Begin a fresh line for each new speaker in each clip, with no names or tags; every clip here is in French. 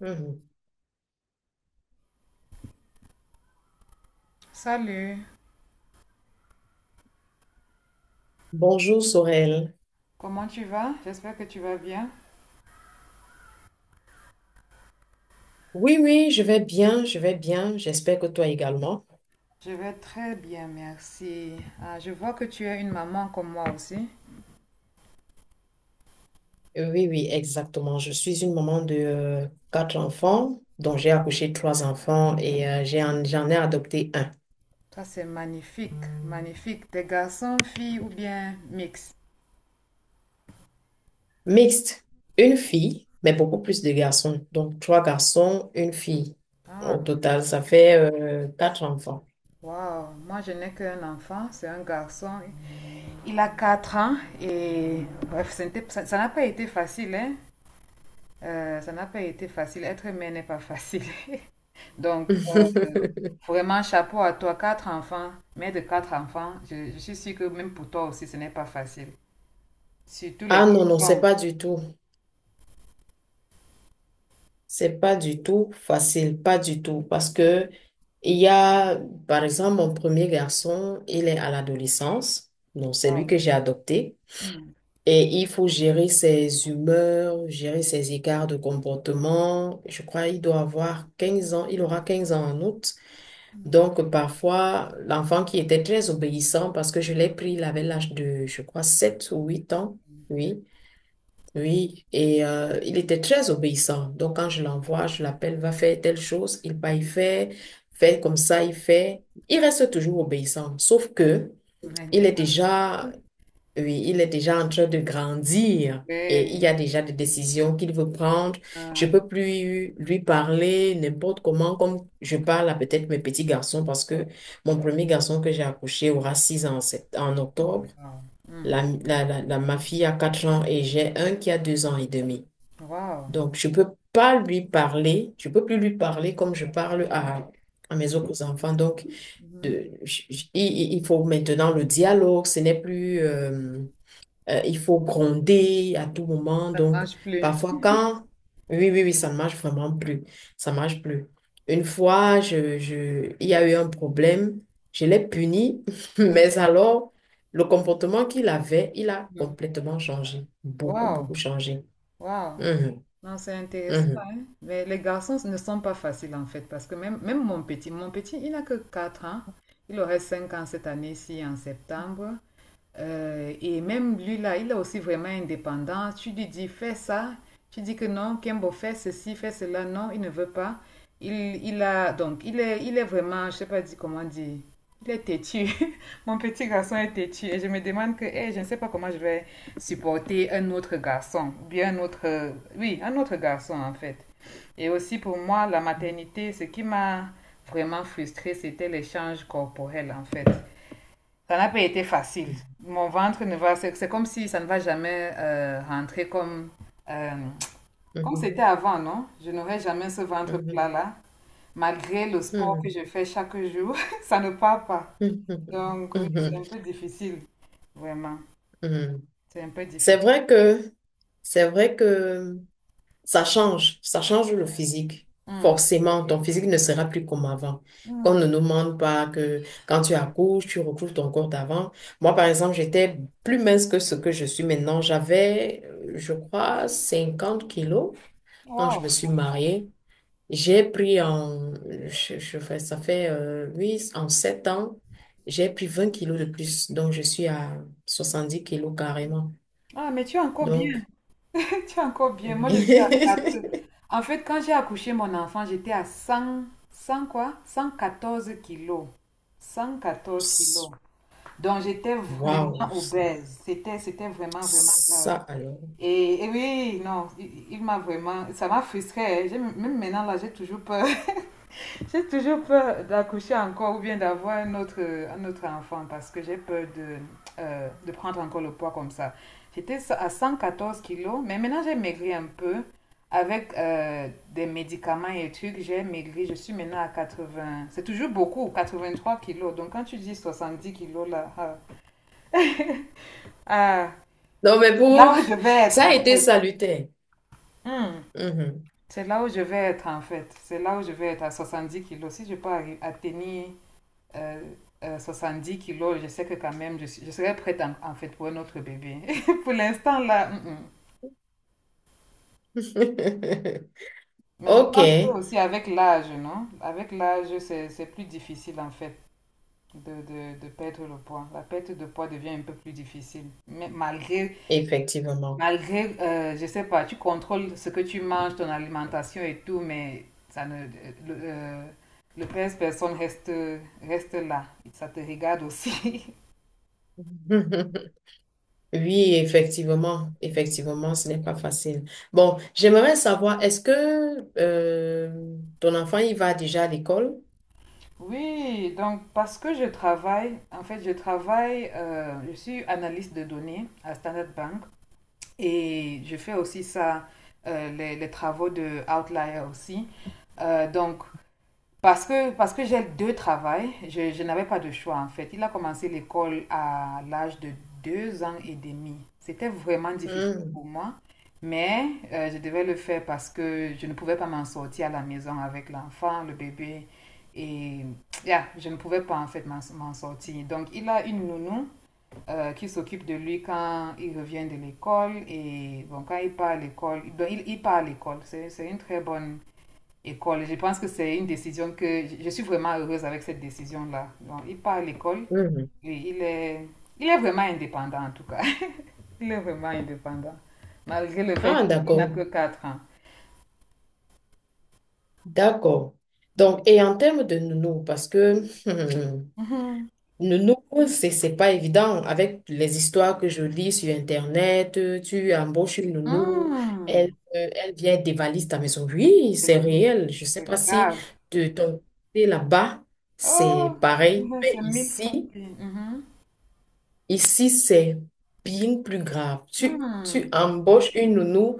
Mhm.
Salut.
Bonjour Sorel.
Comment tu vas? J'espère que tu vas bien.
Oui, oui, je vais bien, je vais bien. J'espère que toi également.
Je vais très bien, merci. Ah, je vois que tu es une maman comme moi aussi.
Oui, oui, exactement. Je suis une maman de quatre enfants, dont j'ai accouché trois enfants et j'en ai adopté un.
Toi, c'est magnifique, magnifique. Des garçons, filles ou bien mix?
Mixte, une fille, mais beaucoup plus de garçons. Donc trois garçons, une fille. Au
Ah,
total, ça fait quatre enfants.
waouh. Moi, je n'ai qu'un enfant, c'est un garçon. Il a 4 ans et bref, ce ça ça n'a pas été facile, hein? Ça n'a pas été facile. Être mère n'est pas facile. Donc, euh, vraiment, chapeau à toi, quatre enfants, mère de quatre enfants. Je suis sûre que même pour toi aussi, ce n'est pas facile. Surtout
Ah
les
non, non, c'est
garçons.
pas du tout. C'est pas du tout facile, pas du tout, parce que il y a, par exemple, mon premier garçon, il est à l'adolescence, donc c'est lui
Wow.
que j'ai adopté,
Mm.
et il faut gérer ses humeurs, gérer ses écarts de comportement. Je crois il doit avoir 15 ans, il aura 15 ans en août. Donc parfois, l'enfant qui était très obéissant, parce que je l'ai pris, il avait l'âge de, je crois, 7 ou 8 ans, oui, oui, et il était très obéissant. Donc, quand je l'envoie, je l'appelle, va faire telle chose, il va y faire, fait comme ça, il fait. Il reste toujours obéissant, sauf que il est
Maintenant,
déjà, oui, il est déjà en train de grandir et il y
ouais.
a déjà des décisions qu'il veut prendre. Je
Euh,
peux plus lui parler n'importe comment, comme je parle à peut-être mes petits garçons, parce que mon premier garçon que j'ai accouché aura 6 ans en en octobre.
oh, wow. Mm.
Ma fille a 4 ans et j'ai un qui a 2 ans et demi.
Wow.
Donc, je ne peux pas lui parler, je ne peux plus lui parler comme je parle à mes autres enfants. Donc,
Mhm.
de, j- j- il- faut maintenant le dialogue, ce n'est plus, il faut gronder à tout moment.
Ça ne
Donc,
marche plus.
parfois, quand, oui, oui, oui, ça ne marche vraiment plus, ça ne marche plus. Une fois, il y a eu un problème, je l'ai puni, mais alors, le comportement qu'il avait, il a
Mm.
complètement changé, beaucoup, beaucoup
Wow.
changé.
Wow.
Mhm,
Non, c'est intéressant, hein. Mais les garçons ne sont pas faciles en fait, parce que même mon petit, il n'a que 4 ans. Il aurait 5 ans cette année-ci en septembre. Et même lui, là, il est aussi vraiment indépendant. Tu lui dis, fais ça. Tu dis que non, Kembo, fais ceci, fais cela. Non, il ne veut pas. Il, donc, il est vraiment, je sais pas dit, comment dire, il est têtu. Mon petit garçon est têtu. Et je me demande que, je ne sais pas comment je vais supporter un autre garçon. Ou bien un autre, oui, un autre garçon, en fait. Et aussi, pour moi, la maternité, ce qui m'a vraiment frustrée, c'était l'échange corporel, en fait. Ça n'a pas été facile.
mhm.
Mon ventre ne va, c'est comme si ça ne va jamais rentrer euh, comme c'était
Mhm,
avant, non? Je n'aurai jamais ce ventre
mhm,
plat-là. Malgré le sport que
mhm,
je fais chaque jour, ça ne part pas.
mhm,
Donc oui, c'est
mhm,
un peu difficile, vraiment.
mhm.
C'est un peu
C'est
difficile.
vrai que, c'est vrai que ça change le physique.
Hmm.
Forcément, ton physique ne sera plus comme avant. Qu'on
Hmm.
ne nous demande pas que quand tu accouches, tu recouvres ton corps d'avant. Moi, par exemple, j'étais plus mince que ce que je suis maintenant. J'avais, je crois, 50 kilos quand je me
Wow.
suis mariée. J'ai pris en, je fais, ça fait oui, en 7 ans, j'ai pris 20 kilos de plus, donc je suis à 70 kilos carrément.
Ah, mais tu es encore bien.
Donc,
Tu es encore bien. Moi, je suis à 4. En fait, quand j'ai accouché mon enfant, j'étais à 100 100 quoi? 114 kilos. 114 kilos. Donc j'étais
waouh,
vraiment
ça,
obèse. C'était vraiment, vraiment grave.
ça alors.
Et oui, non, il m'a vraiment, ça m'a frustrée. Hein. Même maintenant, là, j'ai toujours peur. J'ai toujours peur d'accoucher encore ou bien d'avoir un autre enfant parce que j'ai peur de prendre encore le poids comme ça. J'étais à 114 kilos, mais maintenant j'ai maigri un peu. Avec des médicaments et trucs, j'ai maigri. Je suis maintenant à 80. C'est toujours beaucoup, 83 kilos. Donc quand tu dis 70 kilos, là, ah, ah,
Non, mais
là
pour
où je vais être
ça a
en
été
fait.
salutaire.
Hmm.
Mhm.
C'est là où je vais être en fait. C'est là où je vais être à 70 kilos. Si je peux atteindre euh, 70 kilos, je sais que quand même, je serai prête en fait pour un autre bébé. Pour l'instant là, hum. Mais je
Ok,
pense que aussi avec l'âge, non? Avec l'âge, c'est plus difficile en fait de perdre le poids. La perte de poids devient un peu plus difficile. Mais malgré
effectivement.
Malgré, euh, je sais pas, tu contrôles ce que tu manges, ton alimentation et tout, mais ça ne, euh, le pèse personne reste là. Ça te regarde aussi.
Oui, effectivement, effectivement, ce n'est pas facile. Bon, j'aimerais savoir, est-ce que ton enfant, il va déjà à l'école?
Oui, donc parce que je travaille, en fait, je travaille, je suis analyste de données à Standard Bank et je fais aussi ça, les travaux de Outlier aussi. Donc, parce que j'ai deux travails, je n'avais pas de choix en fait. Il a commencé l'école à l'âge de 2 ans et demi. C'était vraiment difficile
Hmm,
pour moi, mais je devais le faire parce que je ne pouvais pas m'en sortir à la maison avec l'enfant, le bébé. Et yeah, je ne pouvais pas en fait m'en sortir. Donc il a une nounou qui s'occupe de lui quand il revient de l'école et bon, quand il part à l'école, donc, il part à l'école. C'est une très bonne école. Je pense que c'est une décision que je suis vraiment heureuse avec cette décision-là. Donc, il part à l'école
mhm.
et il est vraiment indépendant en tout cas. Il est vraiment indépendant, malgré le fait
Ah,
qu'il n'a
d'accord,
que 4 ans.
d'accord. Donc, et en termes de nounou, parce que
Mhm.
le nouveau, c'est pas évident. Avec les histoires que je lis sur Internet, tu embauches une nounou, elle,
Hmm.
elle vient dévaliser ta maison. Oui,
C'est
c'est
bien.
réel. Je sais
C'est
pas si
grave.
de ton côté là-bas,
Oh,
c'est pareil.
ouais,
Mais
c'est mille fois
ici,
pire. Mhm.
ici, c'est bien plus grave.
Hmm.
Tu embauches une nounou,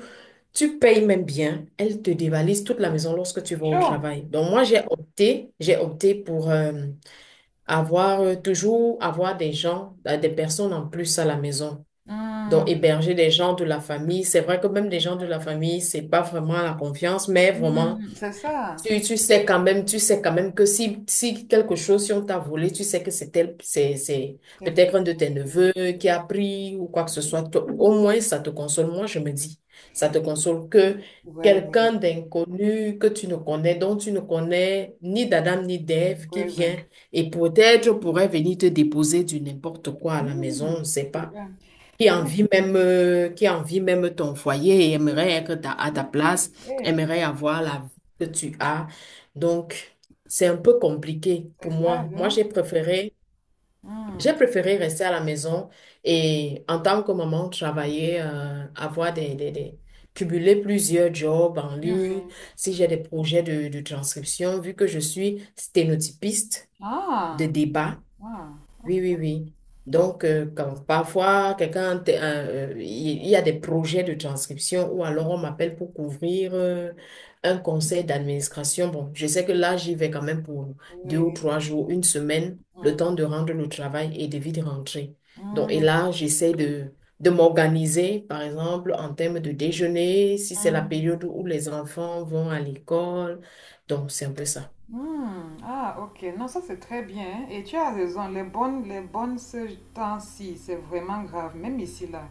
tu payes même bien, elle te dévalise toute la maison lorsque tu vas au
Chaud.
travail. Donc moi, j'ai opté pour... avoir toujours avoir des gens, des personnes en plus à la maison. Donc,
Hmm.
héberger des gens de la famille, c'est vrai que même des gens de la famille, c'est pas vraiment la confiance, mais vraiment
Hmm. C'est ça.
tu sais quand même, tu sais quand même que si, si quelque chose, si on t'a volé, tu sais que c'est
Ouais,
peut-être un de tes neveux qui a pris ou quoi que ce soit. Toi, au moins, ça te console. Moi, je me dis, ça te console que
ouais,
quelqu'un d'inconnu que tu ne connais, dont tu ne connais ni d'Adam ni d'Ève qui
ouais.
vient et peut-être pourrait venir te déposer du n'importe quoi à la maison,
Hmm.
on ne sait
C'est
pas
vrai.
qui envie
Ouais.
même, qui envie même ton foyer et aimerait être à
Oui,
ta place,
oui,
aimerait avoir la vie que tu as. Donc, c'est un peu compliqué pour
c'est
moi.
grave, hein? Hmm.
J'ai préféré rester à la maison et en tant que maman, travailler, avoir cumuler plusieurs jobs en
Oui, oui.
ligne, si j'ai des projets de transcription, vu que je suis sténotypiste de
Ah,
débat.
wow. Ok.
Oui, oui, oui. Donc,
Ok.
quand parfois, il y a des projets de transcription ou alors on m'appelle pour couvrir un conseil d'administration. Bon, je sais que là, j'y vais quand même pour deux ou
Oui.
trois jours, une semaine, le
Hmm.
temps de rendre le travail et de vite rentrer. Donc, et
Hmm,
là, j'essaie de m'organiser, par exemple, en termes de déjeuner, si c'est la
hmm,
période où les enfants vont à l'école. Donc, c'est un peu ça.
hmm. Ah, ok. Non, ça c'est très bien. Hein. Et tu as raison, les bonnes ce temps-ci, c'est vraiment grave. Même ici, là,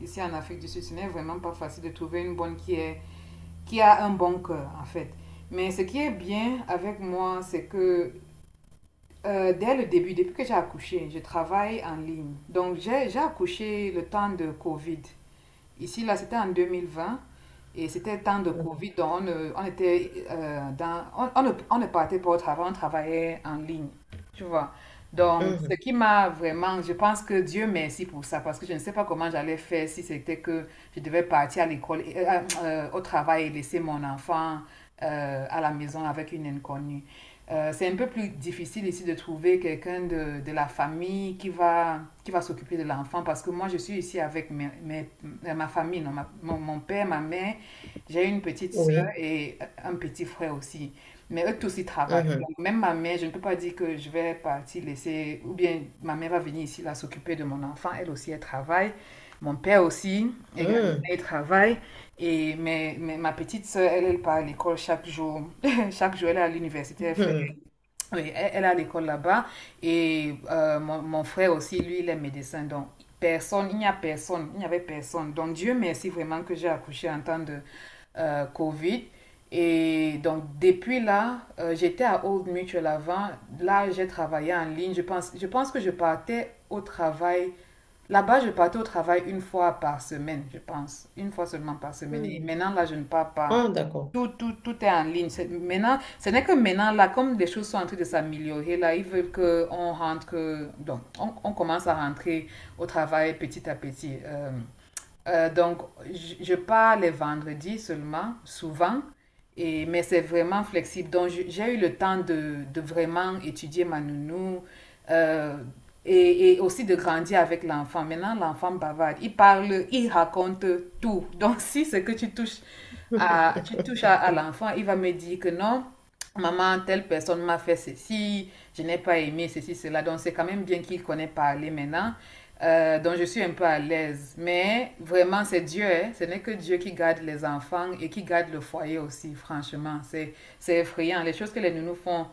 ici en Afrique du Sud, ce n'est vraiment pas facile de trouver une bonne qui est, qui a un bon cœur, en fait. Mais ce qui est bien avec moi, c'est que dès le début, depuis que j'ai accouché, je travaille en ligne. Donc, j'ai accouché le temps de Covid. Ici, là, c'était en 2020 et c'était le temps de
Mhm.
Covid. Donc, on, ne- on était dans, on ne partait pas au travail, on travaillait en ligne. Tu vois. Donc, ce
Mhm.
qui m'a vraiment, je pense que Dieu merci pour ça parce que je ne sais pas comment j'allais faire si c'était que je devais partir à l'école, au travail et laisser mon enfant à la maison avec une inconnue. C'est un peu plus difficile ici de trouver quelqu'un de la famille qui va s'occuper de l'enfant parce que moi je suis ici avec ma famille, non, mon père, ma mère, j'ai une petite soeur
Oui.
et un petit frère aussi. Mais eux tous ils travaillent.
Mhm.
Donc, même ma mère, je ne peux pas dire que je vais partir laisser, ou bien ma mère va venir ici là s'occuper de mon enfant, elle aussi elle travaille. Mon père aussi, également,
Mhm.
il travaille. Et mais ma petite soeur, elle, elle part à l'école chaque jour. Chaque jour, elle est à l'université, elle fait
Mhm.
oui, elle est l'école là-bas et mon frère aussi, lui, il est médecin. Donc, personne, il n'y a personne, il n'y avait personne. Donc, Dieu merci vraiment que j'ai accouché en temps de Covid. Et donc, depuis là, j'étais à Old Mutual avant. Là, j'ai travaillé en ligne. Je pense que je partais au travail. Là-bas, je partais au travail une fois par semaine, je pense. Une fois seulement par semaine. Et
Hmm.
maintenant, là, je ne pars pas.
Ah, d'accord.
Tout, tout, tout est en ligne. Maintenant, ce n'est que maintenant, là, comme les choses sont en train de s'améliorer, là, ils veulent qu'on rentre, donc, on commence à rentrer au travail petit à petit. Donc, je pars les vendredis seulement, souvent, et, mais c'est vraiment flexible. Donc, j'ai eu le temps de vraiment étudier ma nounou euh, et aussi de grandir avec l'enfant. Maintenant, l'enfant bavarde. Il parle, il raconte tout. Donc, si c'est que tu touches à, à l'enfant, il va me dire que non. Maman, telle personne m'a fait ceci, je n'ai pas aimé ceci, cela. Donc, c'est quand même bien qu'il connaît parler maintenant. Donc, je suis un peu à l'aise. Mais vraiment, c'est Dieu. Hein. Ce n'est que Dieu qui garde les enfants et qui garde le foyer aussi, franchement. C'est effrayant. Les choses que les nounous font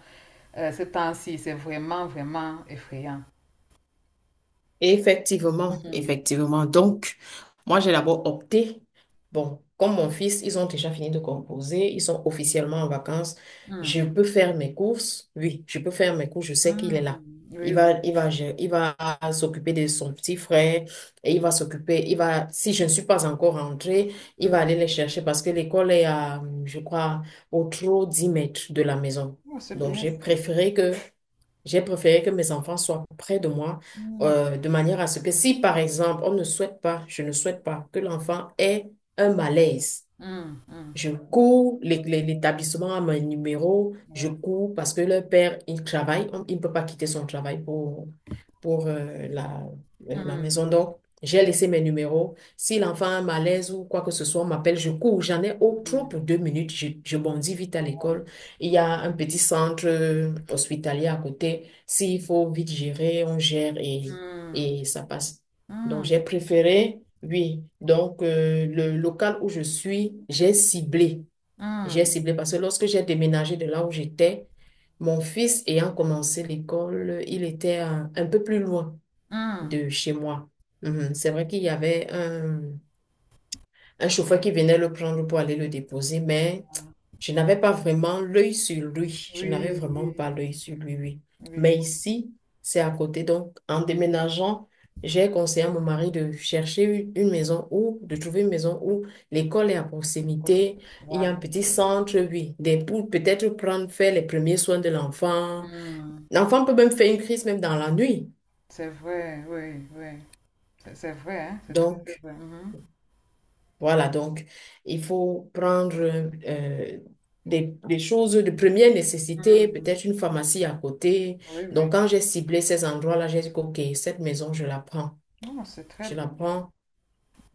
ce temps-ci, c'est vraiment, vraiment effrayant.
Effectivement,
Mm,
effectivement. Donc, moi, j'ai d'abord opté. Bon, comme mon fils, ils ont déjà fini de composer, ils sont officiellement en vacances. Je
mm,
peux faire mes courses. Oui, je peux faire mes courses. Je sais qu'il est là.
mm. Oui, oui.
Il va s'occuper de son petit frère et il va s'occuper. Il va, si je ne suis pas encore rentrée, il va
Mm.
aller les chercher parce que l'école est à, je crois, au trop 10 mètres de la maison.
Oh, c'est
Donc,
bien ça.
j'ai préféré que mes enfants soient près de moi
Mm,
de manière à ce que si, par exemple, on ne souhaite pas, je ne souhaite pas que l'enfant ait un malaise,
mm, mm.
je cours, l'établissement a mon numéro, je
Ouais.
cours parce que le père, il travaille, il ne peut pas quitter son travail pour la, la
Mm,
maison. Donc, j'ai laissé mes numéros. Si l'enfant a un malaise ou quoi que ce soit, on m'appelle, je cours. J'en ai au trop pour
mm.
2 minutes, je bondis vite à
Wow.
l'école. Il y a un petit centre hospitalier à côté. S'il faut vite gérer, on gère
Mm,
et ça passe. Donc, j'ai
mm.
préféré oui, donc le local où je suis, j'ai ciblé. J'ai
Hmm,
ciblé parce que lorsque j'ai déménagé de là où j'étais, mon fils ayant commencé l'école, il était un peu plus loin
hmm.
de chez moi. Mhm. C'est vrai qu'il y avait un chauffeur qui venait le prendre pour aller le déposer, mais je n'avais pas vraiment l'œil sur lui. Je n'avais
Oui,
vraiment pas
oui,
l'œil sur lui, oui.
oui,
Mais ici, c'est à côté. Donc, en déménageant, j'ai conseillé à mon mari de chercher une maison où, de trouver une maison où l'école est à
proche.
proximité. Il y a un
Vraiment.
petit centre, oui, des, pour peut-être prendre, faire les premiers soins de l'enfant.
Hum.
L'enfant peut même faire une crise même dans la nuit.
C'est vrai, oui, oui. C'est vrai, hein, c'est très, très
Donc,
vrai. Mhm.
voilà, donc il faut prendre des choses de première nécessité,
Hum.
peut-être une pharmacie à côté.
Oui, oui.
Donc quand j'ai ciblé ces endroits-là, j'ai dit, OK, cette maison, je la prends.
Non, c'est très
Je
bien.
la prends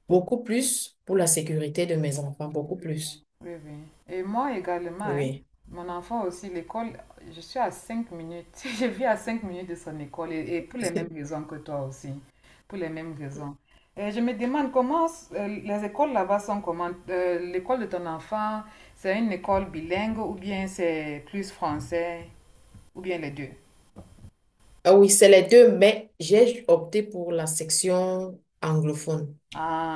beaucoup plus pour la sécurité de mes enfants,
Oui,
beaucoup
oui,
plus.
oui, oui. Et moi également, hein,
Oui.
mon enfant aussi, l'école, je suis à 5 minutes. Je vis à 5 minutes de son école et pour les mêmes raisons que toi aussi. Pour les mêmes raisons. Et je me demande comment les écoles là-bas sont comment? L'école de ton enfant, c'est une école bilingue ou bien c'est plus français ou bien les deux?
Ah oui, c'est les deux, mais j'ai opté pour la section anglophone.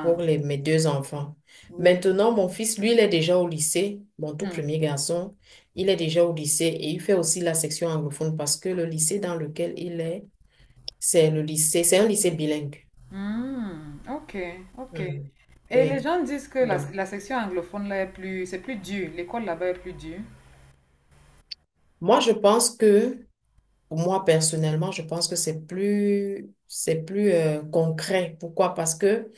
Pour les, mes deux enfants.
oui.
Maintenant, mon fils, lui, il est déjà au lycée, mon tout
Hmm.
premier garçon, il est déjà au lycée et il fait aussi la section anglophone parce que le lycée dans lequel il est, c'est le lycée, c'est un lycée bilingue.
Hmm, ok, ok.
Mhm.
Et les
Oui.
gens disent que
Donc,
la section anglophone là est plus, c'est plus dur, l'école là-bas est plus dure.
moi, je pense que, pour moi, personnellement, je pense que c'est plus concret. Pourquoi? Parce que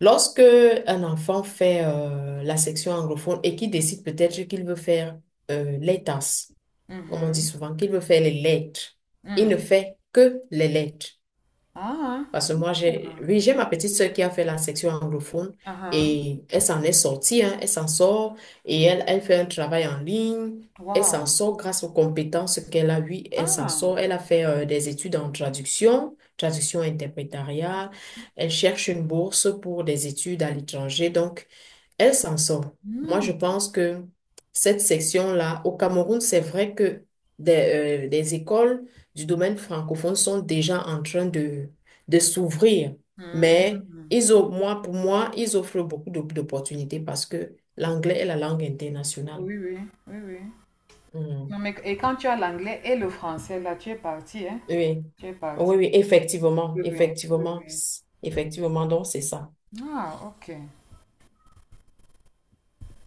lorsque un enfant fait la section anglophone et qu'il décide peut-être qu'il veut faire les tasses, comme on dit
Mhm,
souvent, qu'il veut faire les lettres. Il ne
hmm.
fait que les lettres.
Ah,
Parce que
ah,
oui, j'ai ma petite sœur qui a fait la section anglophone
ah, ah.
et elle s'en est sortie, hein, elle s'en sort et elle, elle fait un travail en ligne. Elle s'en
Wow.
sort grâce aux compétences qu'elle a eues. Elle s'en
Ah,
sort. Elle a fait des études en traduction, traduction interprétariale. Elle cherche une bourse pour des études à l'étranger. Donc, elle s'en sort. Moi,
hmm,
je pense que cette section-là, au Cameroun, c'est vrai que des écoles du domaine francophone sont déjà en train de s'ouvrir. Mais
hmm.
ils ont, moi, pour moi, ils offrent beaucoup d'opportunités parce que l'anglais est la langue internationale.
Oui, oui, oui, oui.
Mm.
Non, mais, et quand tu as l'anglais et le français là, tu es parti, hein?
Oui,
Tu es parti.
oui, oui, effectivement,
Oui, oui, oui,
effectivement,
oui.
effectivement, donc c'est ça.
Ah, ok.